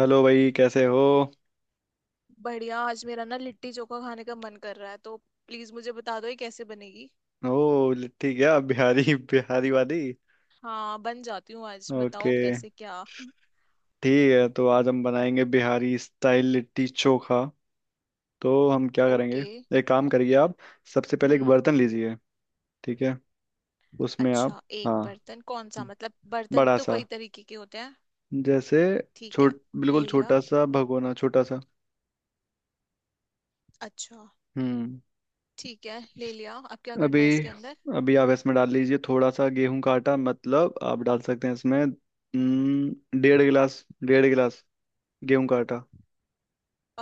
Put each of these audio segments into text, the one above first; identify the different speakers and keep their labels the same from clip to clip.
Speaker 1: Hello भाई, कैसे हो।
Speaker 2: बढ़िया। आज मेरा ना लिट्टी चोखा खाने का मन कर रहा है तो प्लीज मुझे बता दो ये कैसे बनेगी।
Speaker 1: ओ, ठीक है, आप बिहारी बिहारी वाली।
Speaker 2: हाँ बन जाती हूँ, आज बताओ
Speaker 1: ओके,
Speaker 2: कैसे क्या।
Speaker 1: ठीक है, तो आज हम बनाएंगे बिहारी स्टाइल लिट्टी चोखा। तो हम क्या करेंगे,
Speaker 2: ओके।
Speaker 1: एक काम करिए आप। सबसे पहले एक
Speaker 2: हम्म।
Speaker 1: बर्तन लीजिए। ठीक है, उसमें
Speaker 2: अच्छा
Speaker 1: आप,
Speaker 2: एक
Speaker 1: हाँ,
Speaker 2: बर्तन कौन सा, मतलब बर्तन
Speaker 1: बड़ा
Speaker 2: तो
Speaker 1: सा,
Speaker 2: कई तरीके के होते हैं।
Speaker 1: जैसे
Speaker 2: ठीक है,
Speaker 1: छोट बिल्कुल
Speaker 2: ले लिया।
Speaker 1: छोटा सा भगोना, छोटा सा।
Speaker 2: अच्छा,
Speaker 1: हम्म।
Speaker 2: ठीक है ले लिया, अब क्या
Speaker 1: अभी
Speaker 2: करना है इसके अंदर।
Speaker 1: अभी आप इसमें डाल लीजिए थोड़ा सा गेहूं का आटा, मतलब आप डाल सकते हैं इसमें 1.5 गिलास, 1.5 गिलास गेहूं का आटा।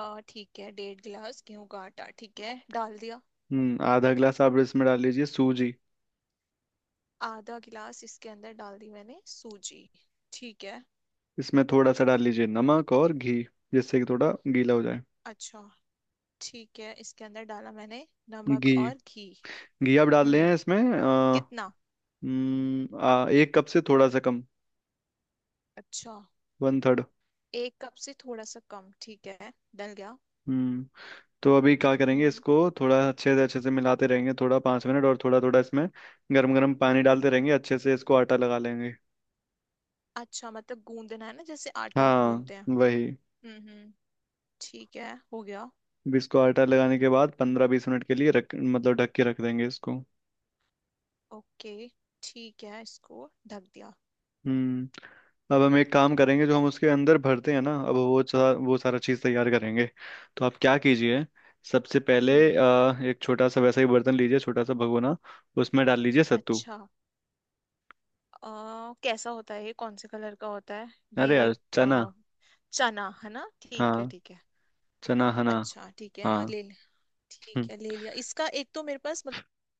Speaker 2: आ ठीक है, डेढ़ गिलास गेहूं का आटा, ठीक है डाल दिया।
Speaker 1: हम्म, 0.5 गिलास आप इसमें डाल लीजिए सूजी।
Speaker 2: आधा गिलास इसके अंदर डाल दी मैंने सूजी, ठीक है।
Speaker 1: इसमें थोड़ा सा डाल लीजिए नमक और घी, जिससे कि थोड़ा गीला हो जाए।
Speaker 2: अच्छा, ठीक है, इसके अंदर डाला मैंने नमक
Speaker 1: घी,
Speaker 2: और घी।
Speaker 1: घी आप डाल रहे
Speaker 2: हम्म,
Speaker 1: हैं इसमें
Speaker 2: कितना?
Speaker 1: एक कप से थोड़ा सा कम,
Speaker 2: अच्छा,
Speaker 1: वन थर्ड।
Speaker 2: एक कप से थोड़ा सा कम, ठीक है डल गया।
Speaker 1: हम्म, तो अभी क्या करेंगे
Speaker 2: हम्म।
Speaker 1: इसको, थोड़ा अच्छे से मिलाते रहेंगे, थोड़ा 5 मिनट, और थोड़ा थोड़ा इसमें गर्म गर्म पानी डालते रहेंगे, अच्छे से इसको आटा लगा लेंगे।
Speaker 2: अच्छा मतलब गूंदना है ना, जैसे आटा
Speaker 1: हाँ,
Speaker 2: गूंदते हैं।
Speaker 1: वही।
Speaker 2: हम्म, ठीक है हो गया।
Speaker 1: अब इसको आटा लगाने के बाद 15-20 मिनट के लिए रख, मतलब ढक के रख देंगे इसको।
Speaker 2: ओके, ठीक है इसको ढक दिया।
Speaker 1: हम्म। अब हम एक काम करेंगे, जो हम उसके अंदर भरते हैं ना, अब वो सारा चीज़ तैयार करेंगे। तो आप क्या कीजिए, सबसे पहले
Speaker 2: हम्म।
Speaker 1: एक छोटा सा वैसा ही बर्तन लीजिए, छोटा सा भगोना। उसमें डाल लीजिए सत्तू।
Speaker 2: अच्छा, कैसा होता है ये, कौन से कलर का होता है
Speaker 1: अरे
Speaker 2: ये?
Speaker 1: यार, चना।
Speaker 2: आ, चना है ना, ठीक है
Speaker 1: हाँ,
Speaker 2: ठीक है।
Speaker 1: चना हना।
Speaker 2: अच्छा ठीक है, हाँ
Speaker 1: हाँ।
Speaker 2: ले लिया।
Speaker 1: हम्म
Speaker 2: ठीक है ले लिया, इसका एक तो मेरे पास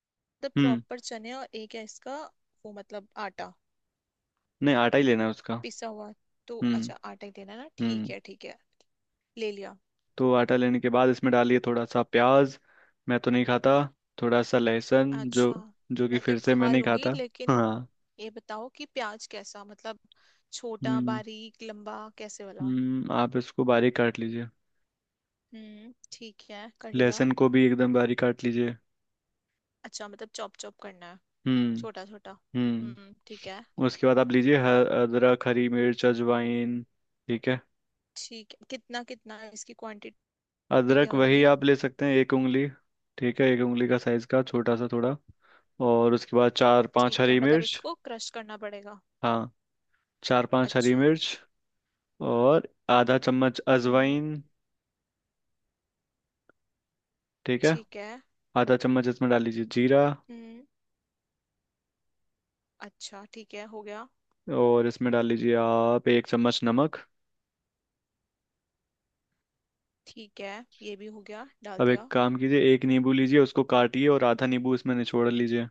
Speaker 2: मतलब
Speaker 1: हम्म।
Speaker 2: प्रॉपर चने, और एक है इसका वो, मतलब आटा
Speaker 1: नहीं, आटा ही लेना है उसका।
Speaker 2: पिसा हुआ। तो
Speaker 1: हम्म।
Speaker 2: अच्छा, आटा ही देना ना, ठीक
Speaker 1: हम्म,
Speaker 2: है ठीक है, ले लिया।
Speaker 1: तो आटा लेने के बाद इसमें डालिए थोड़ा सा प्याज, मैं तो नहीं खाता, थोड़ा सा लहसुन, जो
Speaker 2: अच्छा
Speaker 1: जो कि
Speaker 2: मैं तो
Speaker 1: फिर से मैं
Speaker 2: खा
Speaker 1: नहीं
Speaker 2: लूंगी,
Speaker 1: खाता।
Speaker 2: लेकिन
Speaker 1: हाँ।
Speaker 2: ये बताओ कि प्याज कैसा, मतलब छोटा,
Speaker 1: हम्म।
Speaker 2: बारीक, लंबा, कैसे वाला?
Speaker 1: हम्म, आप इसको बारीक काट लीजिए,
Speaker 2: हम्म, ठीक है कर लिया।
Speaker 1: लहसुन को भी एकदम बारीक काट लीजिए।
Speaker 2: अच्छा मतलब चॉप चॉप करना है,
Speaker 1: हम्म।
Speaker 2: छोटा छोटा। हम्म,
Speaker 1: हम्म,
Speaker 2: ठीक है
Speaker 1: उसके बाद आप लीजिए अदरक, हरी मिर्च, अजवाइन। ठीक है,
Speaker 2: ठीक है। कितना कितना है? इसकी क्वांटिटी क्या
Speaker 1: अदरक वही
Speaker 2: होगी?
Speaker 1: आप ले सकते हैं 1 उंगली। ठीक है, 1 उंगली का साइज का, छोटा सा थोड़ा। और उसके बाद चार पांच
Speaker 2: ठीक है,
Speaker 1: हरी
Speaker 2: मतलब
Speaker 1: मिर्च।
Speaker 2: इसको क्रश करना पड़ेगा।
Speaker 1: हाँ, चार पांच हरी
Speaker 2: अच्छा।
Speaker 1: मिर्च और 0.5 चम्मच
Speaker 2: हम्म,
Speaker 1: अजवाइन। ठीक है,
Speaker 2: ठीक है।
Speaker 1: 0.5 चम्मच इसमें डाल लीजिए जीरा।
Speaker 2: हम्म, अच्छा ठीक है हो गया।
Speaker 1: और इसमें डाल लीजिए आप 1 चम्मच नमक।
Speaker 2: ठीक है, ये भी हो गया डाल
Speaker 1: अब एक
Speaker 2: दिया।
Speaker 1: काम कीजिए, एक नींबू लीजिए, उसको काटिए और आधा नींबू इसमें निचोड़ लीजिए।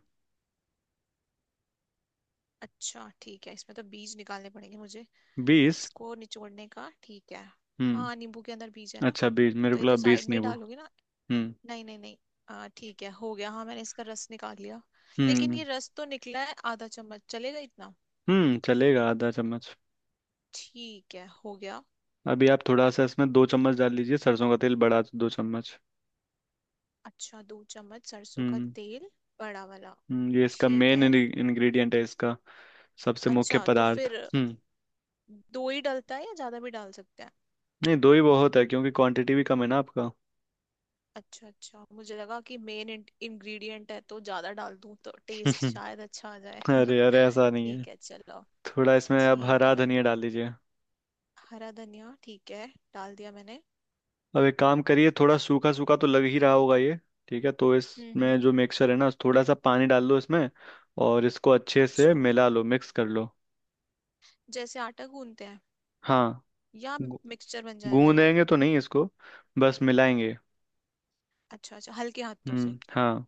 Speaker 2: अच्छा ठीक है, इसमें तो बीज निकालने पड़ेंगे मुझे,
Speaker 1: बीस।
Speaker 2: इसको निचोड़ने का, ठीक है।
Speaker 1: हम्म,
Speaker 2: हाँ, नींबू के अंदर बीज है ना,
Speaker 1: अच्छा, बीस मेरे
Speaker 2: तो
Speaker 1: को
Speaker 2: ये
Speaker 1: लगा,
Speaker 2: तो
Speaker 1: बीस
Speaker 2: साइड में ही
Speaker 1: नींबू।
Speaker 2: डालोगे ना।
Speaker 1: हम्म।
Speaker 2: नहीं नहीं नहीं। ठीक है हो गया, हाँ मैंने इसका रस निकाल लिया। लेकिन
Speaker 1: हम्म।
Speaker 2: ये रस तो निकला है आधा चम्मच, चलेगा इतना?
Speaker 1: हम्म, चलेगा 0.5 चम्मच।
Speaker 2: ठीक है हो गया।
Speaker 1: अभी आप थोड़ा सा इसमें 2 चम्मच डाल लीजिए सरसों का तेल, बढ़ा 2 चम्मच।
Speaker 2: अच्छा दो चम्मच सरसों का
Speaker 1: हम्म।
Speaker 2: तेल, बड़ा वाला?
Speaker 1: ये इसका
Speaker 2: ठीक
Speaker 1: मेन
Speaker 2: है।
Speaker 1: इंग्रेडिएंट है, इसका सबसे मुख्य
Speaker 2: अच्छा, तो
Speaker 1: पदार्थ।
Speaker 2: फिर
Speaker 1: हम्म,
Speaker 2: दो ही डलता है या ज्यादा भी डाल सकते हैं?
Speaker 1: नहीं, दो ही बहुत है, क्योंकि क्वांटिटी भी कम है ना आपका।
Speaker 2: अच्छा अच्छा, मुझे लगा कि मेन इंग्रेडिएंट है तो ज्यादा डाल दूं तो टेस्ट शायद अच्छा आ जाए।
Speaker 1: अरे अरे, ऐसा नहीं है।
Speaker 2: ठीक है चलो।
Speaker 1: थोड़ा इसमें अब
Speaker 2: ठीक है
Speaker 1: हरा
Speaker 2: मैं,
Speaker 1: धनिया डाल दीजिए।
Speaker 2: हरा धनिया ठीक है, डाल दिया मैंने।
Speaker 1: अब एक काम करिए, थोड़ा सूखा सूखा तो लग ही रहा होगा ये। ठीक है, तो
Speaker 2: हम्म।
Speaker 1: इसमें जो मिक्सचर है ना, थोड़ा सा पानी डाल लो इसमें और इसको अच्छे से
Speaker 2: अच्छा
Speaker 1: मिला लो, मिक्स कर लो।
Speaker 2: जैसे आटा गूंदते हैं,
Speaker 1: हाँ,
Speaker 2: या
Speaker 1: गू-
Speaker 2: मिक्सचर बन जाएगा ये?
Speaker 1: गूंदेंगे तो नहीं इसको, बस मिलाएंगे।
Speaker 2: अच्छा अच्छा, हल्के हाथों से।
Speaker 1: हम्म, हाँ,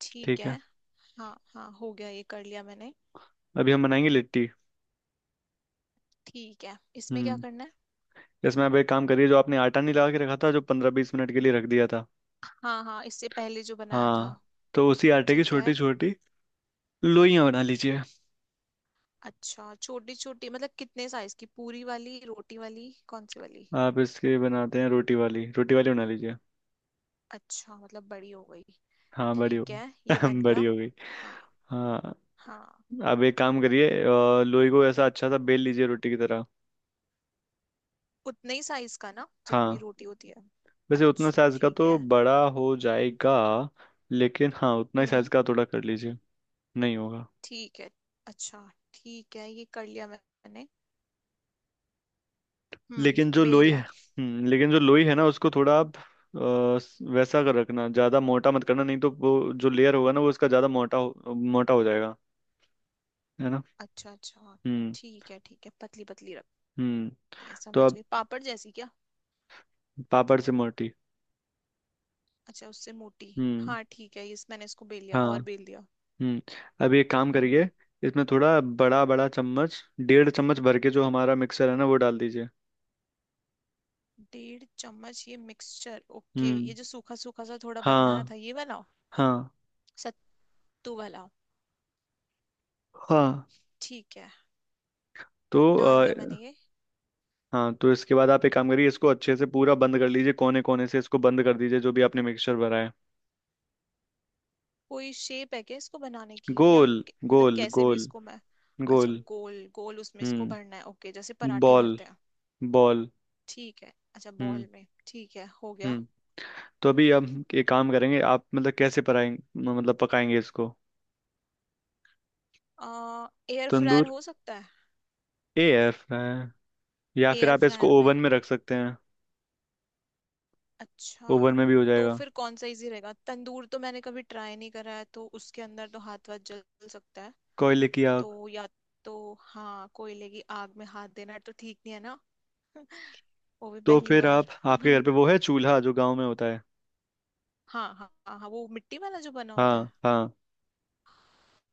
Speaker 2: ठीक
Speaker 1: ठीक है।
Speaker 2: है। हाँ हाँ हो गया, ये कर लिया मैंने।
Speaker 1: अभी हम बनाएंगे लिट्टी।
Speaker 2: ठीक है, इसमें क्या
Speaker 1: हम्म,
Speaker 2: करना है?
Speaker 1: इसमें अब एक काम करिए, जो आपने आटा नहीं लगा के रखा था, जो 15-20 मिनट के लिए रख दिया था।
Speaker 2: हाँ हाँ, इससे पहले जो बनाया था।
Speaker 1: हाँ, तो उसी आटे की
Speaker 2: ठीक
Speaker 1: छोटी
Speaker 2: है।
Speaker 1: छोटी लोइयां बना लीजिए।
Speaker 2: अच्छा छोटी छोटी मतलब कितने साइज की, पूरी वाली, रोटी वाली, कौन सी वाली?
Speaker 1: आप इसके बनाते हैं रोटी वाली, रोटी वाली बना लीजिए।
Speaker 2: अच्छा मतलब बड़ी हो गई।
Speaker 1: हाँ, बड़ी हो
Speaker 2: ठीक है ये
Speaker 1: गई,
Speaker 2: बन
Speaker 1: बड़ी
Speaker 2: गया।
Speaker 1: हो गई।
Speaker 2: हाँ
Speaker 1: हाँ।
Speaker 2: हाँ,
Speaker 1: अब एक काम करिए, लोई को ऐसा अच्छा सा बेल लीजिए, रोटी की तरह।
Speaker 2: उतने ही साइज का ना जितनी
Speaker 1: हाँ,
Speaker 2: रोटी होती है।
Speaker 1: वैसे उतना
Speaker 2: अच्छा
Speaker 1: साइज का
Speaker 2: ठीक
Speaker 1: तो
Speaker 2: है।
Speaker 1: बड़ा हो जाएगा, लेकिन हाँ, उतना ही साइज
Speaker 2: हम्म।
Speaker 1: का थोड़ा कर लीजिए, नहीं होगा।
Speaker 2: ठीक है। अच्छा, ठीक है ये कर लिया मैंने,
Speaker 1: लेकिन जो
Speaker 2: बेल
Speaker 1: लोई है,
Speaker 2: लिया।
Speaker 1: लेकिन जो लोई है ना, उसको थोड़ा आप वैसा कर रखना, ज़्यादा मोटा मत करना, नहीं तो वो जो लेयर होगा ना, वो उसका ज़्यादा मोटा हो जाएगा। है ना।
Speaker 2: अच्छा अच्छा।
Speaker 1: हम्म।
Speaker 2: ठीक है ठीक है, पतली पतली रखनी
Speaker 1: हम्म,
Speaker 2: है,
Speaker 1: तो
Speaker 2: समझ
Speaker 1: आप,
Speaker 2: गई, पापड़ जैसी क्या?
Speaker 1: पापड़ से मोटी।
Speaker 2: अच्छा उससे मोटी।
Speaker 1: हम्म।
Speaker 2: हाँ ठीक है, इस मैंने इसको बेल लिया
Speaker 1: हाँ,
Speaker 2: और बेल दिया।
Speaker 1: हम्म। अब एक काम
Speaker 2: हम्म।
Speaker 1: करिए, इसमें थोड़ा बड़ा बड़ा चम्मच, 1.5 चम्मच भर के जो हमारा मिक्सर है ना, वो डाल दीजिए।
Speaker 2: डेढ़ चम्मच ये मिक्सचर, ओके
Speaker 1: हम्म,
Speaker 2: ये जो सूखा सूखा सा थोड़ा बनाया
Speaker 1: हाँ,
Speaker 2: था ये वाला,
Speaker 1: हाँ।
Speaker 2: सत्तू वाला।
Speaker 1: हाँ,
Speaker 2: ठीक है
Speaker 1: तो
Speaker 2: डाल दिया मैंने ये।
Speaker 1: हाँ, तो इसके बाद आप एक काम करिए, इसको अच्छे से पूरा बंद कर लीजिए, कोने कोने से इसको बंद कर दीजिए जो भी आपने मिक्सचर भरा है।
Speaker 2: कोई शेप है क्या इसको बनाने की, या
Speaker 1: गोल,
Speaker 2: मतलब
Speaker 1: गोल
Speaker 2: कैसे भी
Speaker 1: गोल,
Speaker 2: इसको मैं? अच्छा
Speaker 1: गोल।
Speaker 2: गोल गोल, उसमें इसको
Speaker 1: हम्म।
Speaker 2: भरना है, ओके जैसे पराठे
Speaker 1: बॉल,
Speaker 2: भरते हैं।
Speaker 1: बॉल।
Speaker 2: ठीक है, अच्छा
Speaker 1: हम्म।
Speaker 2: बॉल में ठीक है हो गया।
Speaker 1: हम्म, तो अभी हम एक काम करेंगे, आप मतलब कैसे पकाएंगे, मतलब पकाएंगे इसको,
Speaker 2: आ, एयर फ्रायर
Speaker 1: तंदूर,
Speaker 2: हो सकता है,
Speaker 1: AF है, या फिर
Speaker 2: एयर
Speaker 1: आप इसको
Speaker 2: फ्रायर में।
Speaker 1: ओवन में रख सकते हैं।
Speaker 2: अच्छा,
Speaker 1: ओवन में भी हो
Speaker 2: तो
Speaker 1: जाएगा।
Speaker 2: फिर कौन सा इजी रहेगा? तंदूर तो मैंने कभी ट्राई नहीं करा है, तो उसके अंदर तो हाथ वाथ जल सकता है।
Speaker 1: कोयले की आग।
Speaker 2: तो या तो, हाँ कोयले की आग में हाथ देना तो ठीक नहीं है ना। वो भी
Speaker 1: तो
Speaker 2: पहली
Speaker 1: फिर आप,
Speaker 2: बार।
Speaker 1: आपके घर पे वो है चूल्हा, जो गांव में होता है।
Speaker 2: हाँ हाँ हाँ हाँ, वो मिट्टी वाला जो बना होता है।
Speaker 1: हाँ हाँ,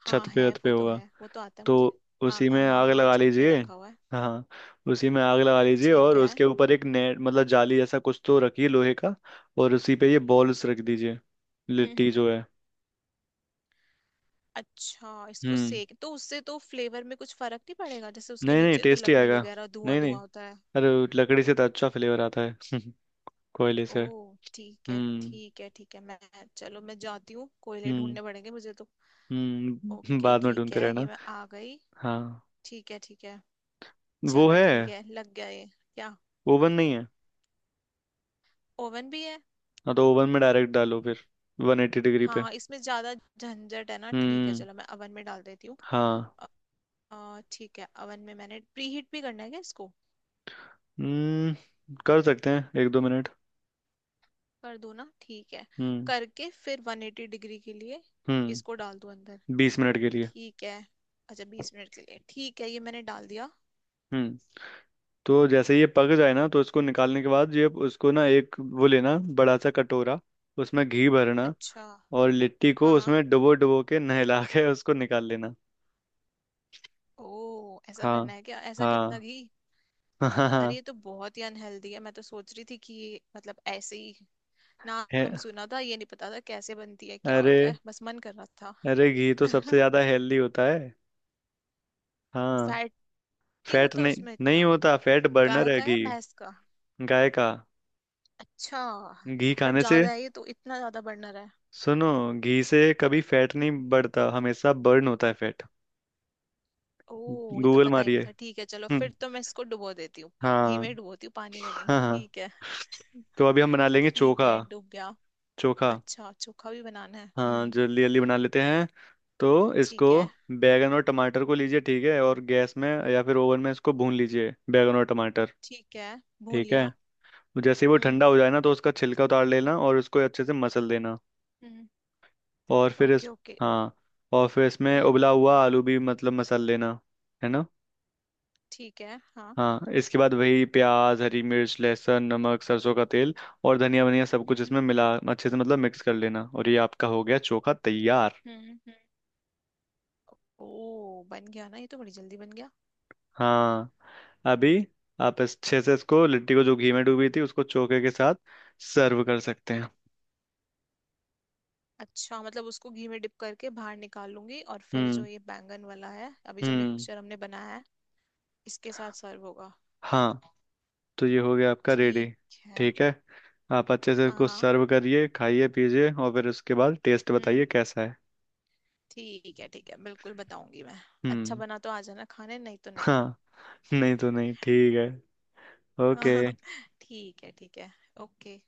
Speaker 2: हाँ
Speaker 1: छत पे
Speaker 2: है,
Speaker 1: वत पे
Speaker 2: वो तो
Speaker 1: होगा,
Speaker 2: है, वो तो आता है
Speaker 1: तो
Speaker 2: मुझे। हाँ
Speaker 1: उसी
Speaker 2: हाँ
Speaker 1: में
Speaker 2: हाँ
Speaker 1: आग
Speaker 2: हाँ,
Speaker 1: लगा
Speaker 2: छत पे
Speaker 1: लीजिए।
Speaker 2: रखा हुआ है।
Speaker 1: हाँ, उसी में आग लगा लीजिए
Speaker 2: ठीक
Speaker 1: और
Speaker 2: है।
Speaker 1: उसके ऊपर एक नेट, मतलब जाली जैसा कुछ तो रखिए लोहे का, और उसी पे ये बॉल्स रख दीजिए, लिट्टी
Speaker 2: हम्म।
Speaker 1: जो है।
Speaker 2: अच्छा इसको
Speaker 1: हम्म,
Speaker 2: सेक तो, उससे तो फ्लेवर में कुछ फर्क नहीं पड़ेगा? जैसे उसके
Speaker 1: नहीं नहीं,
Speaker 2: नीचे तो
Speaker 1: टेस्टी
Speaker 2: लकड़ी
Speaker 1: आएगा,
Speaker 2: वगैरह, धुआं
Speaker 1: नहीं नहीं,
Speaker 2: धुआं होता है।
Speaker 1: अरे लकड़ी से तो अच्छा फ्लेवर आता है कोयले
Speaker 2: ओ
Speaker 1: से।
Speaker 2: ठीक है
Speaker 1: हम्म।
Speaker 2: ठीक है ठीक है। मैं चलो मैं जाती हूँ, कोयले
Speaker 1: हम्म।
Speaker 2: ढूंढने पड़ेंगे मुझे तो। ओके
Speaker 1: बाद में
Speaker 2: ठीक
Speaker 1: ढूंढते
Speaker 2: है, ये
Speaker 1: रहना।
Speaker 2: मैं आ गई।
Speaker 1: हाँ,
Speaker 2: ठीक है ठीक है।
Speaker 1: वो
Speaker 2: चलो
Speaker 1: है,
Speaker 2: ठीक है, लग गया ये। क्या?
Speaker 1: ओवन नहीं है।
Speaker 2: ओवन भी है।
Speaker 1: हाँ, तो ओवन में डायरेक्ट डालो फिर, 180 डिग्री पे।
Speaker 2: हाँ इसमें ज्यादा झंझट है ना, ठीक है
Speaker 1: हम्म,
Speaker 2: चलो मैं ओवन में डाल देती हूँ।
Speaker 1: हाँ।
Speaker 2: अ, ठीक है, अवन में मैंने प्रीहीट भी करना है क्या इसको?
Speaker 1: हम्म, कर सकते हैं 1-2 मिनट।
Speaker 2: कर दूं ना, ठीक है।
Speaker 1: हम्म।
Speaker 2: करके फिर 180 डिग्री के लिए इसको
Speaker 1: हम्म,
Speaker 2: डाल दूं अंदर।
Speaker 1: 20 मिनट के लिए।
Speaker 2: ठीक है, अच्छा 20 मिनट के लिए, ठीक है ये मैंने डाल दिया।
Speaker 1: हम्म, तो जैसे ये पक जाए ना, तो इसको निकालने के बाद ये, उसको ना एक वो लेना, बड़ा सा कटोरा, उसमें घी भरना
Speaker 2: अच्छा।
Speaker 1: और लिट्टी को
Speaker 2: हाँ।
Speaker 1: उसमें डुबो डुबो के, नहला के उसको निकाल लेना।
Speaker 2: ओ ऐसा
Speaker 1: हाँ,
Speaker 2: करना है क्या? ऐसा कितना
Speaker 1: हाँ।
Speaker 2: घी? अरे
Speaker 1: हाँ।
Speaker 2: ये तो बहुत ही अनहेल्दी है, मैं तो सोच रही थी कि ये मतलब ऐसे ही, नाम
Speaker 1: है,
Speaker 2: सुना था, ये नहीं पता था कैसे बनती है क्या
Speaker 1: अरे
Speaker 2: होता है, बस मन कर रहा था।
Speaker 1: अरे, घी तो सबसे ज्यादा हेल्दी होता है। हाँ,
Speaker 2: फैट नहीं
Speaker 1: फैट
Speaker 2: होता
Speaker 1: नहीं
Speaker 2: उसमें
Speaker 1: नहीं
Speaker 2: इतना?
Speaker 1: होता, फैट बर्नर
Speaker 2: गाय
Speaker 1: है
Speaker 2: का या
Speaker 1: घी।
Speaker 2: भैंस का?
Speaker 1: गाय का।
Speaker 2: अच्छा।
Speaker 1: घी
Speaker 2: बट
Speaker 1: खाने से,
Speaker 2: ज्यादा है ये, तो इतना ज्यादा बर्नर है?
Speaker 1: सुनो, घी से कभी फैट नहीं बढ़ता, हमेशा बर्न होता है फैट।
Speaker 2: ओह ये तो
Speaker 1: गूगल
Speaker 2: पता ही नहीं
Speaker 1: मारिए।
Speaker 2: था, ठीक है चलो
Speaker 1: हम्म,
Speaker 2: फिर तो मैं इसको डुबो देती हूँ। घी में
Speaker 1: हाँ,
Speaker 2: डुबोती हूँ, पानी में नहीं,
Speaker 1: हाँ। हाँ,
Speaker 2: ठीक है।
Speaker 1: तो अभी हम बना लेंगे
Speaker 2: ठीक
Speaker 1: चोखा।
Speaker 2: है डूब गया।
Speaker 1: चोखा,
Speaker 2: अच्छा चोखा भी बनाना है।
Speaker 1: हाँ, जल्दी जल्दी बना लेते हैं। तो इसको,
Speaker 2: ठीक है
Speaker 1: बैगन और टमाटर को लीजिए, ठीक है, और गैस में या फिर ओवन में इसको भून लीजिए, बैगन और टमाटर।
Speaker 2: ठीक है। भून
Speaker 1: ठीक है,
Speaker 2: लिया।
Speaker 1: तो जैसे ही वो
Speaker 2: हम्म
Speaker 1: ठंडा हो जाए ना, तो उसका छिलका उतार लेना और उसको अच्छे से मसल देना,
Speaker 2: हम्म।
Speaker 1: और फिर
Speaker 2: ओके
Speaker 1: इस,
Speaker 2: ओके।
Speaker 1: हाँ, और फिर इसमें
Speaker 2: हम्म
Speaker 1: उबला हुआ आलू भी, मतलब मसल लेना। है ना।
Speaker 2: ठीक है हाँ।
Speaker 1: हाँ, इसके बाद वही प्याज, हरी मिर्च, लहसुन, नमक, सरसों का तेल और धनिया वनिया, सब कुछ
Speaker 2: हम्म
Speaker 1: इसमें मिला, अच्छे से मतलब मिक्स कर लेना, और ये आपका हो गया चोखा तैयार।
Speaker 2: हम्म। ओ बन गया ना, ये तो बड़ी जल्दी बन गया।
Speaker 1: हाँ। अभी आप अच्छे से इसको, लिट्टी को जो घी में डूबी थी, उसको चोखे के साथ सर्व कर सकते हैं।
Speaker 2: अच्छा मतलब उसको घी में डिप करके बाहर निकाल लूंगी, और फिर जो
Speaker 1: हम्म।
Speaker 2: ये बैंगन वाला है अभी जो
Speaker 1: हम्म।
Speaker 2: मिक्सचर हमने बनाया है, इसके साथ सर्व होगा।
Speaker 1: हाँ, तो ये हो गया आपका रेडी।
Speaker 2: ठीक है।
Speaker 1: ठीक है, आप अच्छे से
Speaker 2: हाँ
Speaker 1: इसको
Speaker 2: हाँ।
Speaker 1: सर्व करिए, खाइए पीजिए और फिर उसके बाद टेस्ट
Speaker 2: हम्म।
Speaker 1: बताइए कैसा है।
Speaker 2: ठीक है ठीक है, बिल्कुल बताऊंगी मैं। अच्छा
Speaker 1: हम्म।
Speaker 2: बना तो आ जाना खाने, नहीं तो नहीं।
Speaker 1: हाँ, नहीं तो नहीं, ठीक है, ओके।
Speaker 2: ठीक है ठीक है। ओके।